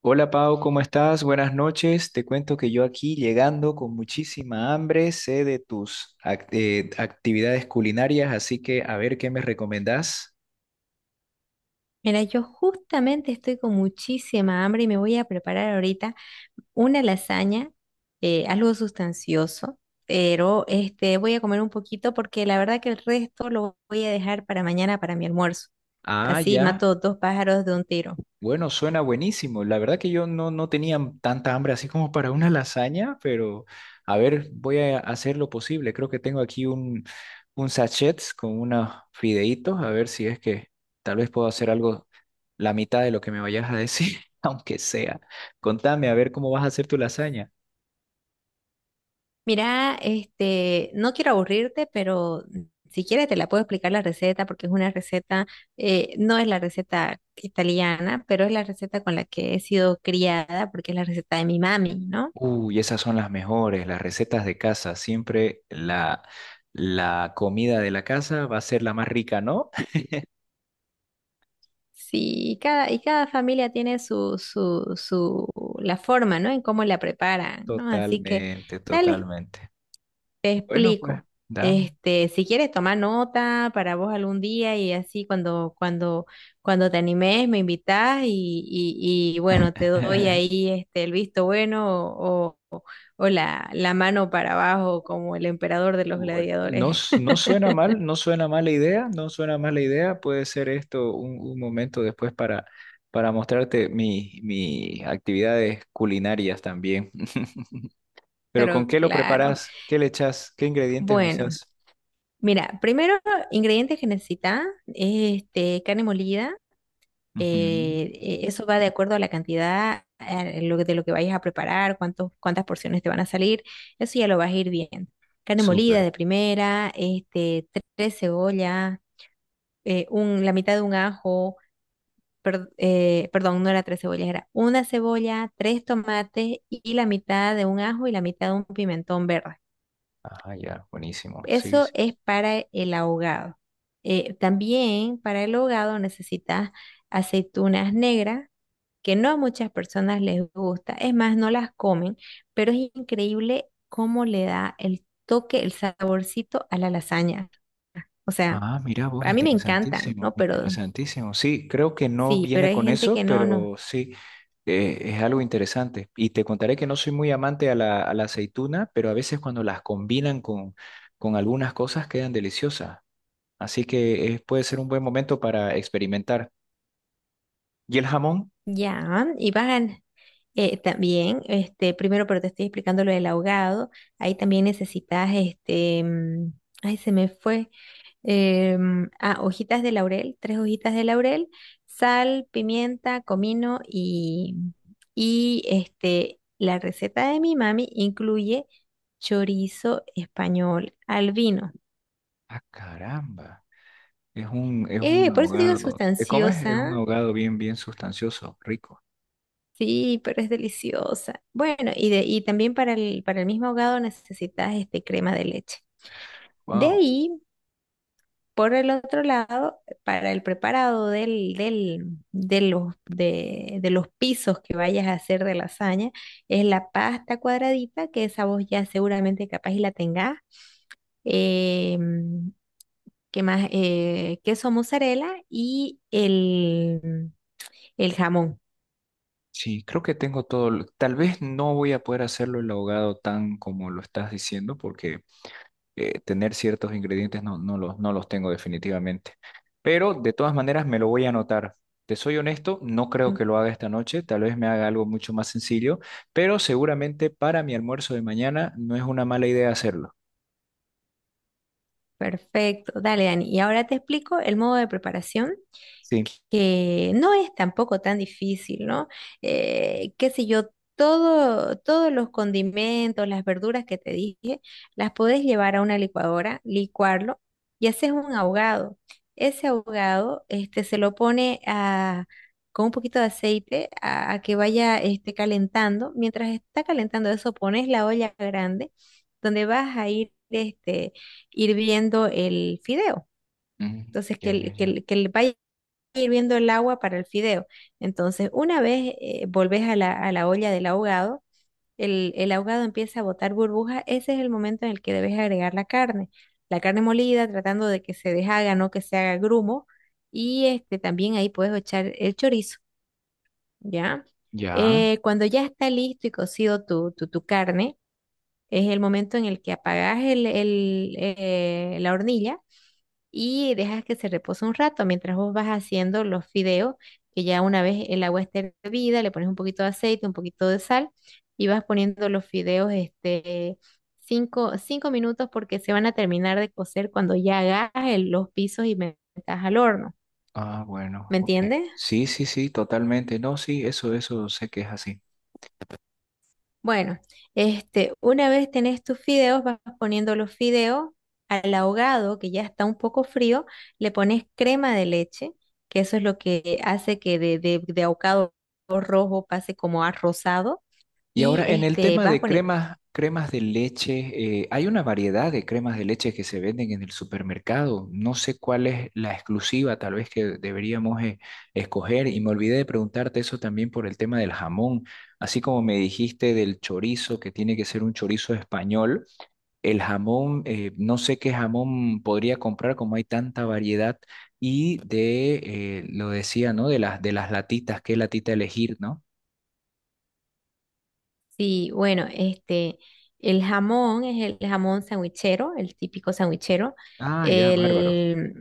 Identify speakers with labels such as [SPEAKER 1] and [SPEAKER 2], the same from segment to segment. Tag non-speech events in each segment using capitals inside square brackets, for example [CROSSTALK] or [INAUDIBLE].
[SPEAKER 1] Hola Pau, ¿cómo estás? Buenas noches. Te cuento que yo aquí llegando con muchísima hambre, sé de tus actividades culinarias, así que a ver qué me recomendás.
[SPEAKER 2] Mira, yo justamente estoy con muchísima hambre y me voy a preparar ahorita una lasaña, algo sustancioso, pero voy a comer un poquito porque la verdad que el resto lo voy a dejar para mañana para mi almuerzo.
[SPEAKER 1] Ah,
[SPEAKER 2] Así
[SPEAKER 1] ya.
[SPEAKER 2] mato dos pájaros de un tiro.
[SPEAKER 1] Bueno, suena buenísimo. La verdad que yo no tenía tanta hambre así como para una lasaña, pero a ver, voy a hacer lo posible. Creo que tengo aquí un sachet con unos fideitos, a ver si es que tal vez puedo hacer algo, la mitad de lo que me vayas a decir, [LAUGHS] aunque sea. Contame, a ver cómo vas a hacer tu lasaña.
[SPEAKER 2] Mira, no quiero aburrirte, pero si quieres te la puedo explicar la receta porque es una receta, no es la receta italiana, pero es la receta con la que he sido criada porque es la receta de mi mami, ¿no?
[SPEAKER 1] Uy, esas son las mejores, las recetas de casa. Siempre la comida de la casa va a ser la más rica, ¿no? [LAUGHS]
[SPEAKER 2] Sí, y cada familia tiene su la forma, ¿no? ¿En cómo la preparan, ¿no? Así que,
[SPEAKER 1] Totalmente,
[SPEAKER 2] dale,
[SPEAKER 1] totalmente.
[SPEAKER 2] te
[SPEAKER 1] Bueno, pues,
[SPEAKER 2] explico.
[SPEAKER 1] dame.
[SPEAKER 2] Si quieres tomar nota para vos algún día y así cuando te animes, me invitás y bueno, te doy
[SPEAKER 1] [LAUGHS]
[SPEAKER 2] ahí el visto bueno o, o la mano para abajo como el emperador de los
[SPEAKER 1] Bueno,
[SPEAKER 2] gladiadores.
[SPEAKER 1] no,
[SPEAKER 2] [LAUGHS]
[SPEAKER 1] no suena mal, no suena mala idea, no suena mala idea. Puede ser esto un momento después para mostrarte mis actividades culinarias también. [LAUGHS] Pero ¿con
[SPEAKER 2] Pero
[SPEAKER 1] qué lo
[SPEAKER 2] claro,
[SPEAKER 1] preparas? ¿Qué le echas? ¿Qué ingredientes
[SPEAKER 2] bueno.
[SPEAKER 1] usas?
[SPEAKER 2] Mira, primero, ingredientes que necesitas, carne molida,
[SPEAKER 1] Ujú.
[SPEAKER 2] eso va de acuerdo a la cantidad, lo que- de lo que vayas a preparar, cuántas porciones te van a salir, eso ya lo vas a ir viendo. Carne molida
[SPEAKER 1] Súper.
[SPEAKER 2] de primera, tres cebollas, la mitad de un ajo, perdón, no era tres cebollas, era una cebolla, tres tomates y la mitad de un ajo y la mitad de un pimentón verde.
[SPEAKER 1] Ah, ya, buenísimo. Sí,
[SPEAKER 2] Eso
[SPEAKER 1] sí.
[SPEAKER 2] es para el ahogado. También para el ahogado necesitas aceitunas negras, que no a muchas personas les gusta, es más, no las comen, pero es increíble cómo le da el toque, el saborcito a la lasaña. O sea,
[SPEAKER 1] Ah, mira vos,
[SPEAKER 2] a mí me encantan,
[SPEAKER 1] interesantísimo,
[SPEAKER 2] ¿no? Pero
[SPEAKER 1] interesantísimo. Sí, creo que no
[SPEAKER 2] sí, pero
[SPEAKER 1] viene
[SPEAKER 2] hay
[SPEAKER 1] con
[SPEAKER 2] gente
[SPEAKER 1] eso,
[SPEAKER 2] que no, no.
[SPEAKER 1] pero sí, es algo interesante. Y te contaré que no soy muy amante a a la aceituna, pero a veces cuando las combinan con algunas cosas quedan deliciosas. Así que puede ser un buen momento para experimentar. ¿Y el jamón?
[SPEAKER 2] Ya, y bajan. También, primero, pero te estoy explicando lo del ahogado. Ahí también necesitas, ay, se me fue. Hojitas de laurel, tres hojitas de laurel, sal, pimienta, comino y la receta de mi mami incluye chorizo español al vino.
[SPEAKER 1] Ah, caramba, es es un
[SPEAKER 2] Por eso digo es
[SPEAKER 1] ahogado. ¿Eh, cómo es? Es un
[SPEAKER 2] sustanciosa,
[SPEAKER 1] ahogado bien, bien sustancioso, rico.
[SPEAKER 2] sí, pero es deliciosa. Bueno, y también para el mismo ahogado necesitas crema de leche. De
[SPEAKER 1] Wow.
[SPEAKER 2] ahí por el otro lado, para el preparado de los pisos que vayas a hacer de lasaña, es la pasta cuadradita, que esa vos ya seguramente capaz y la tengas. Eh, ¿Qué más? Queso mozzarella y el jamón.
[SPEAKER 1] Sí, creo que tengo todo. Tal vez no voy a poder hacerlo el ahogado tan como lo estás diciendo, porque tener ciertos ingredientes no los, no los tengo definitivamente. Pero de todas maneras me lo voy a anotar. Te soy honesto, no creo que lo haga esta noche. Tal vez me haga algo mucho más sencillo, pero seguramente para mi almuerzo de mañana no es una mala idea hacerlo.
[SPEAKER 2] Perfecto, dale, Dani. Y ahora te explico el modo de preparación,
[SPEAKER 1] Sí.
[SPEAKER 2] que no es tampoco tan difícil, ¿no? Qué sé yo, todo, todos los condimentos, las verduras que te dije, las podés llevar a una licuadora, licuarlo y haces un ahogado. Ese ahogado, se lo pone a, con un poquito de aceite a que vaya, calentando. Mientras está calentando eso, pones la olla grande donde vas a ir, hirviendo el fideo.
[SPEAKER 1] Mm,
[SPEAKER 2] Entonces,
[SPEAKER 1] ya, ya, ya.
[SPEAKER 2] vaya hirviendo el agua para el fideo. Entonces, una vez volvés a la olla del ahogado, el ahogado empieza a botar burbujas. Ese es el momento en el que debes agregar la carne. La carne molida, tratando de que se deshaga, no que se haga grumo. Y también ahí puedes echar el chorizo, ¿ya?
[SPEAKER 1] Ya.
[SPEAKER 2] Cuando ya está listo y cocido tu carne, es el momento en el que apagás la hornilla y dejas que se repose un rato mientras vos vas haciendo los fideos, que ya una vez el agua esté hervida, le pones un poquito de aceite, un poquito de sal y vas poniendo los fideos cinco minutos porque se van a terminar de cocer cuando ya hagas los pisos y metas al horno.
[SPEAKER 1] Ah, bueno,
[SPEAKER 2] ¿Me
[SPEAKER 1] ok.
[SPEAKER 2] entiendes?
[SPEAKER 1] Sí, sí, sí, totalmente. No, sí, eso sé que es así.
[SPEAKER 2] Bueno, una vez tenés tus fideos, vas poniendo los fideos al ahogado, que ya está un poco frío, le pones crema de leche, que eso es lo que hace que de ahogado rojo pase como a rosado,
[SPEAKER 1] Y
[SPEAKER 2] y
[SPEAKER 1] ahora en el tema
[SPEAKER 2] vas
[SPEAKER 1] de
[SPEAKER 2] poniendo.
[SPEAKER 1] cremas, cremas de leche, hay una variedad de cremas de leche que se venden en el supermercado. No sé cuál es la exclusiva, tal vez que deberíamos escoger. Y me olvidé de preguntarte eso también por el tema del jamón. Así como me dijiste del chorizo, que tiene que ser un chorizo español, el jamón, no sé qué jamón podría comprar como hay tanta variedad. Y de, lo decía, ¿no? De de las latitas, qué latita elegir, ¿no?
[SPEAKER 2] Sí, bueno, el jamón es el jamón sandwichero, el típico sandwichero.
[SPEAKER 1] Ah, ya, bárbaro.
[SPEAKER 2] El,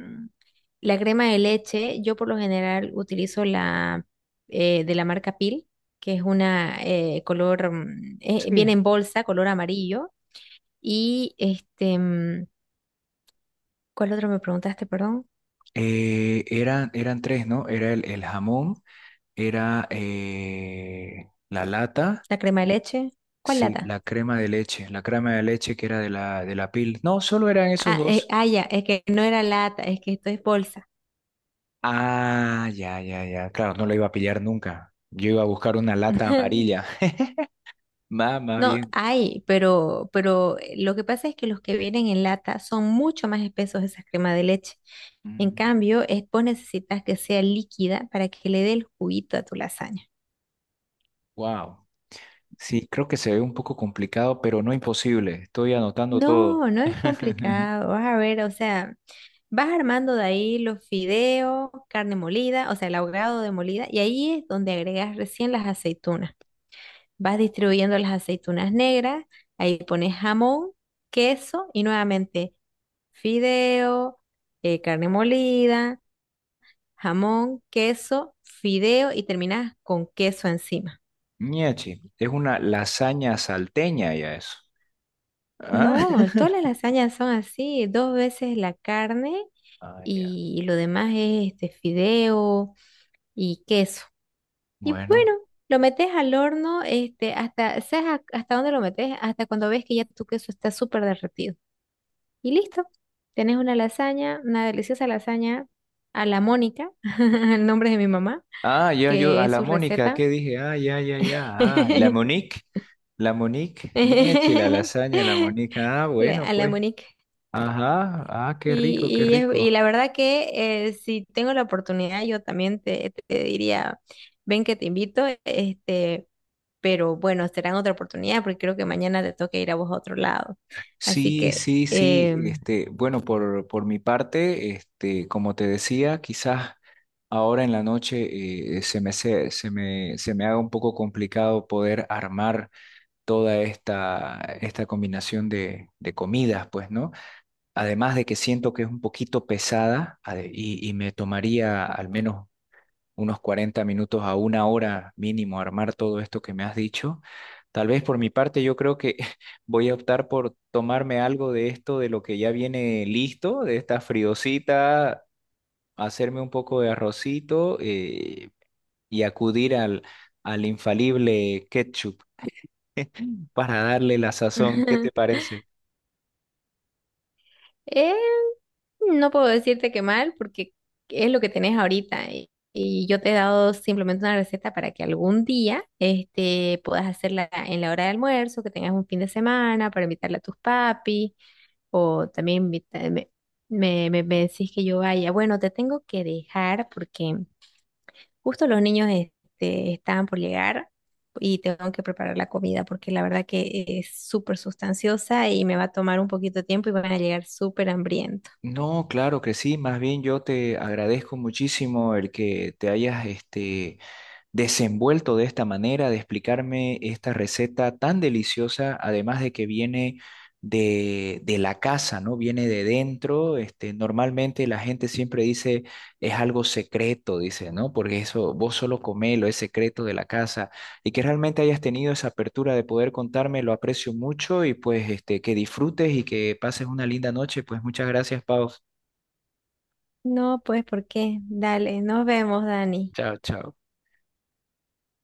[SPEAKER 2] la crema de leche, yo por lo general utilizo la de la marca Pil, que es una color, viene
[SPEAKER 1] Sí.
[SPEAKER 2] en bolsa, color amarillo. Y ¿cuál otro me preguntaste, perdón?
[SPEAKER 1] Eran, eran tres, ¿no? Era el jamón, era la lata,
[SPEAKER 2] La crema de leche, ¿cuál
[SPEAKER 1] sí,
[SPEAKER 2] lata?
[SPEAKER 1] la crema de leche, la crema de leche que era de de la pil. No, solo eran esos
[SPEAKER 2] Ah,
[SPEAKER 1] dos.
[SPEAKER 2] ya, es que no era lata, es que esto es bolsa.
[SPEAKER 1] Ah, ya, ya, ya. Claro, no lo iba a pillar nunca. Yo iba a buscar una lata
[SPEAKER 2] [LAUGHS]
[SPEAKER 1] amarilla. [LAUGHS] Más, más
[SPEAKER 2] No,
[SPEAKER 1] bien.
[SPEAKER 2] hay, pero lo que pasa es que los que vienen en lata son mucho más espesos esas cremas de leche. En cambio, es, vos necesitas que sea líquida para que le dé el juguito a tu lasaña.
[SPEAKER 1] Wow. Sí, creo que se ve un poco complicado, pero no imposible. Estoy anotando todo.
[SPEAKER 2] No, no es
[SPEAKER 1] [LAUGHS]
[SPEAKER 2] complicado. Vas a ver, o sea, vas armando de ahí los fideos, carne molida, o sea, el ahogado de molida, y ahí es donde agregas recién las aceitunas. Vas distribuyendo las aceitunas negras, ahí pones jamón, queso y nuevamente fideo, carne molida, jamón, queso, fideo y terminas con queso encima.
[SPEAKER 1] Ñachi, es una lasaña salteña ya eso. ¿Ah?
[SPEAKER 2] No,
[SPEAKER 1] [LAUGHS]
[SPEAKER 2] todas las lasañas son así, dos veces la carne
[SPEAKER 1] Ah, ya.
[SPEAKER 2] y lo demás es este fideo y queso. Y bueno,
[SPEAKER 1] Bueno.
[SPEAKER 2] lo metes al horno, hasta, ¿sabes hasta dónde lo metes? Hasta cuando ves que ya tu queso está súper derretido. Y listo. Tenés una lasaña, una deliciosa lasaña a la Mónica, [LAUGHS] el nombre de mi mamá,
[SPEAKER 1] Ah, ya yo,
[SPEAKER 2] que
[SPEAKER 1] a
[SPEAKER 2] es
[SPEAKER 1] la
[SPEAKER 2] su
[SPEAKER 1] Mónica,
[SPEAKER 2] receta.
[SPEAKER 1] ¿qué dije? Ah, ya, ya, ya. Ah,
[SPEAKER 2] [LAUGHS]
[SPEAKER 1] La Monique, Miechi, la lasaña, la Monique. Ah, bueno,
[SPEAKER 2] A la
[SPEAKER 1] pues.
[SPEAKER 2] Mónica.
[SPEAKER 1] Ajá, ah, qué rico, qué
[SPEAKER 2] Y, y
[SPEAKER 1] rico.
[SPEAKER 2] la verdad que si tengo la oportunidad, yo también te diría, ven que te invito, pero bueno, será otra oportunidad porque creo que mañana te toca ir a vos a otro lado. Así
[SPEAKER 1] Sí,
[SPEAKER 2] que...
[SPEAKER 1] sí, sí. Este, bueno, por mi parte, este, como te decía, quizás ahora en la noche se me haga un poco complicado poder armar toda esta, esta combinación de comidas, pues, ¿no? Además de que siento que es un poquito pesada y me tomaría al menos unos 40 minutos a 1 hora mínimo armar todo esto que me has dicho. Tal vez por mi parte yo creo que [LAUGHS] voy a optar por tomarme algo de esto, de lo que ya viene listo, de esta friosita, hacerme un poco de arrocito y acudir al, al infalible ketchup [LAUGHS] para darle la sazón. ¿Qué te
[SPEAKER 2] [LAUGHS]
[SPEAKER 1] parece?
[SPEAKER 2] Eh, no puedo decirte que mal, porque es lo que tenés ahorita. Y yo te he dado simplemente una receta para que algún día puedas hacerla en la hora de almuerzo, que tengas un fin de semana para invitarla a tus papi, o también me decís que yo vaya. Bueno, te tengo que dejar porque justo los niños estaban por llegar y tengo que preparar la comida porque la verdad que es súper sustanciosa y me va a tomar un poquito de tiempo y van a llegar súper hambrientos.
[SPEAKER 1] No, claro que sí, más bien yo te agradezco muchísimo el que te hayas este, desenvuelto de esta manera, de explicarme esta receta tan deliciosa, además de que viene de la casa, ¿no? Viene de dentro, este, normalmente la gente siempre dice es algo secreto, dice, ¿no? Porque eso vos solo comelo, es secreto de la casa, y que realmente hayas tenido esa apertura de poder contarme, lo aprecio mucho y pues este, que disfrutes y que pases una linda noche, pues muchas gracias, Pau.
[SPEAKER 2] No, pues, ¿por qué? Dale, nos vemos, Dani.
[SPEAKER 1] Chao, chao.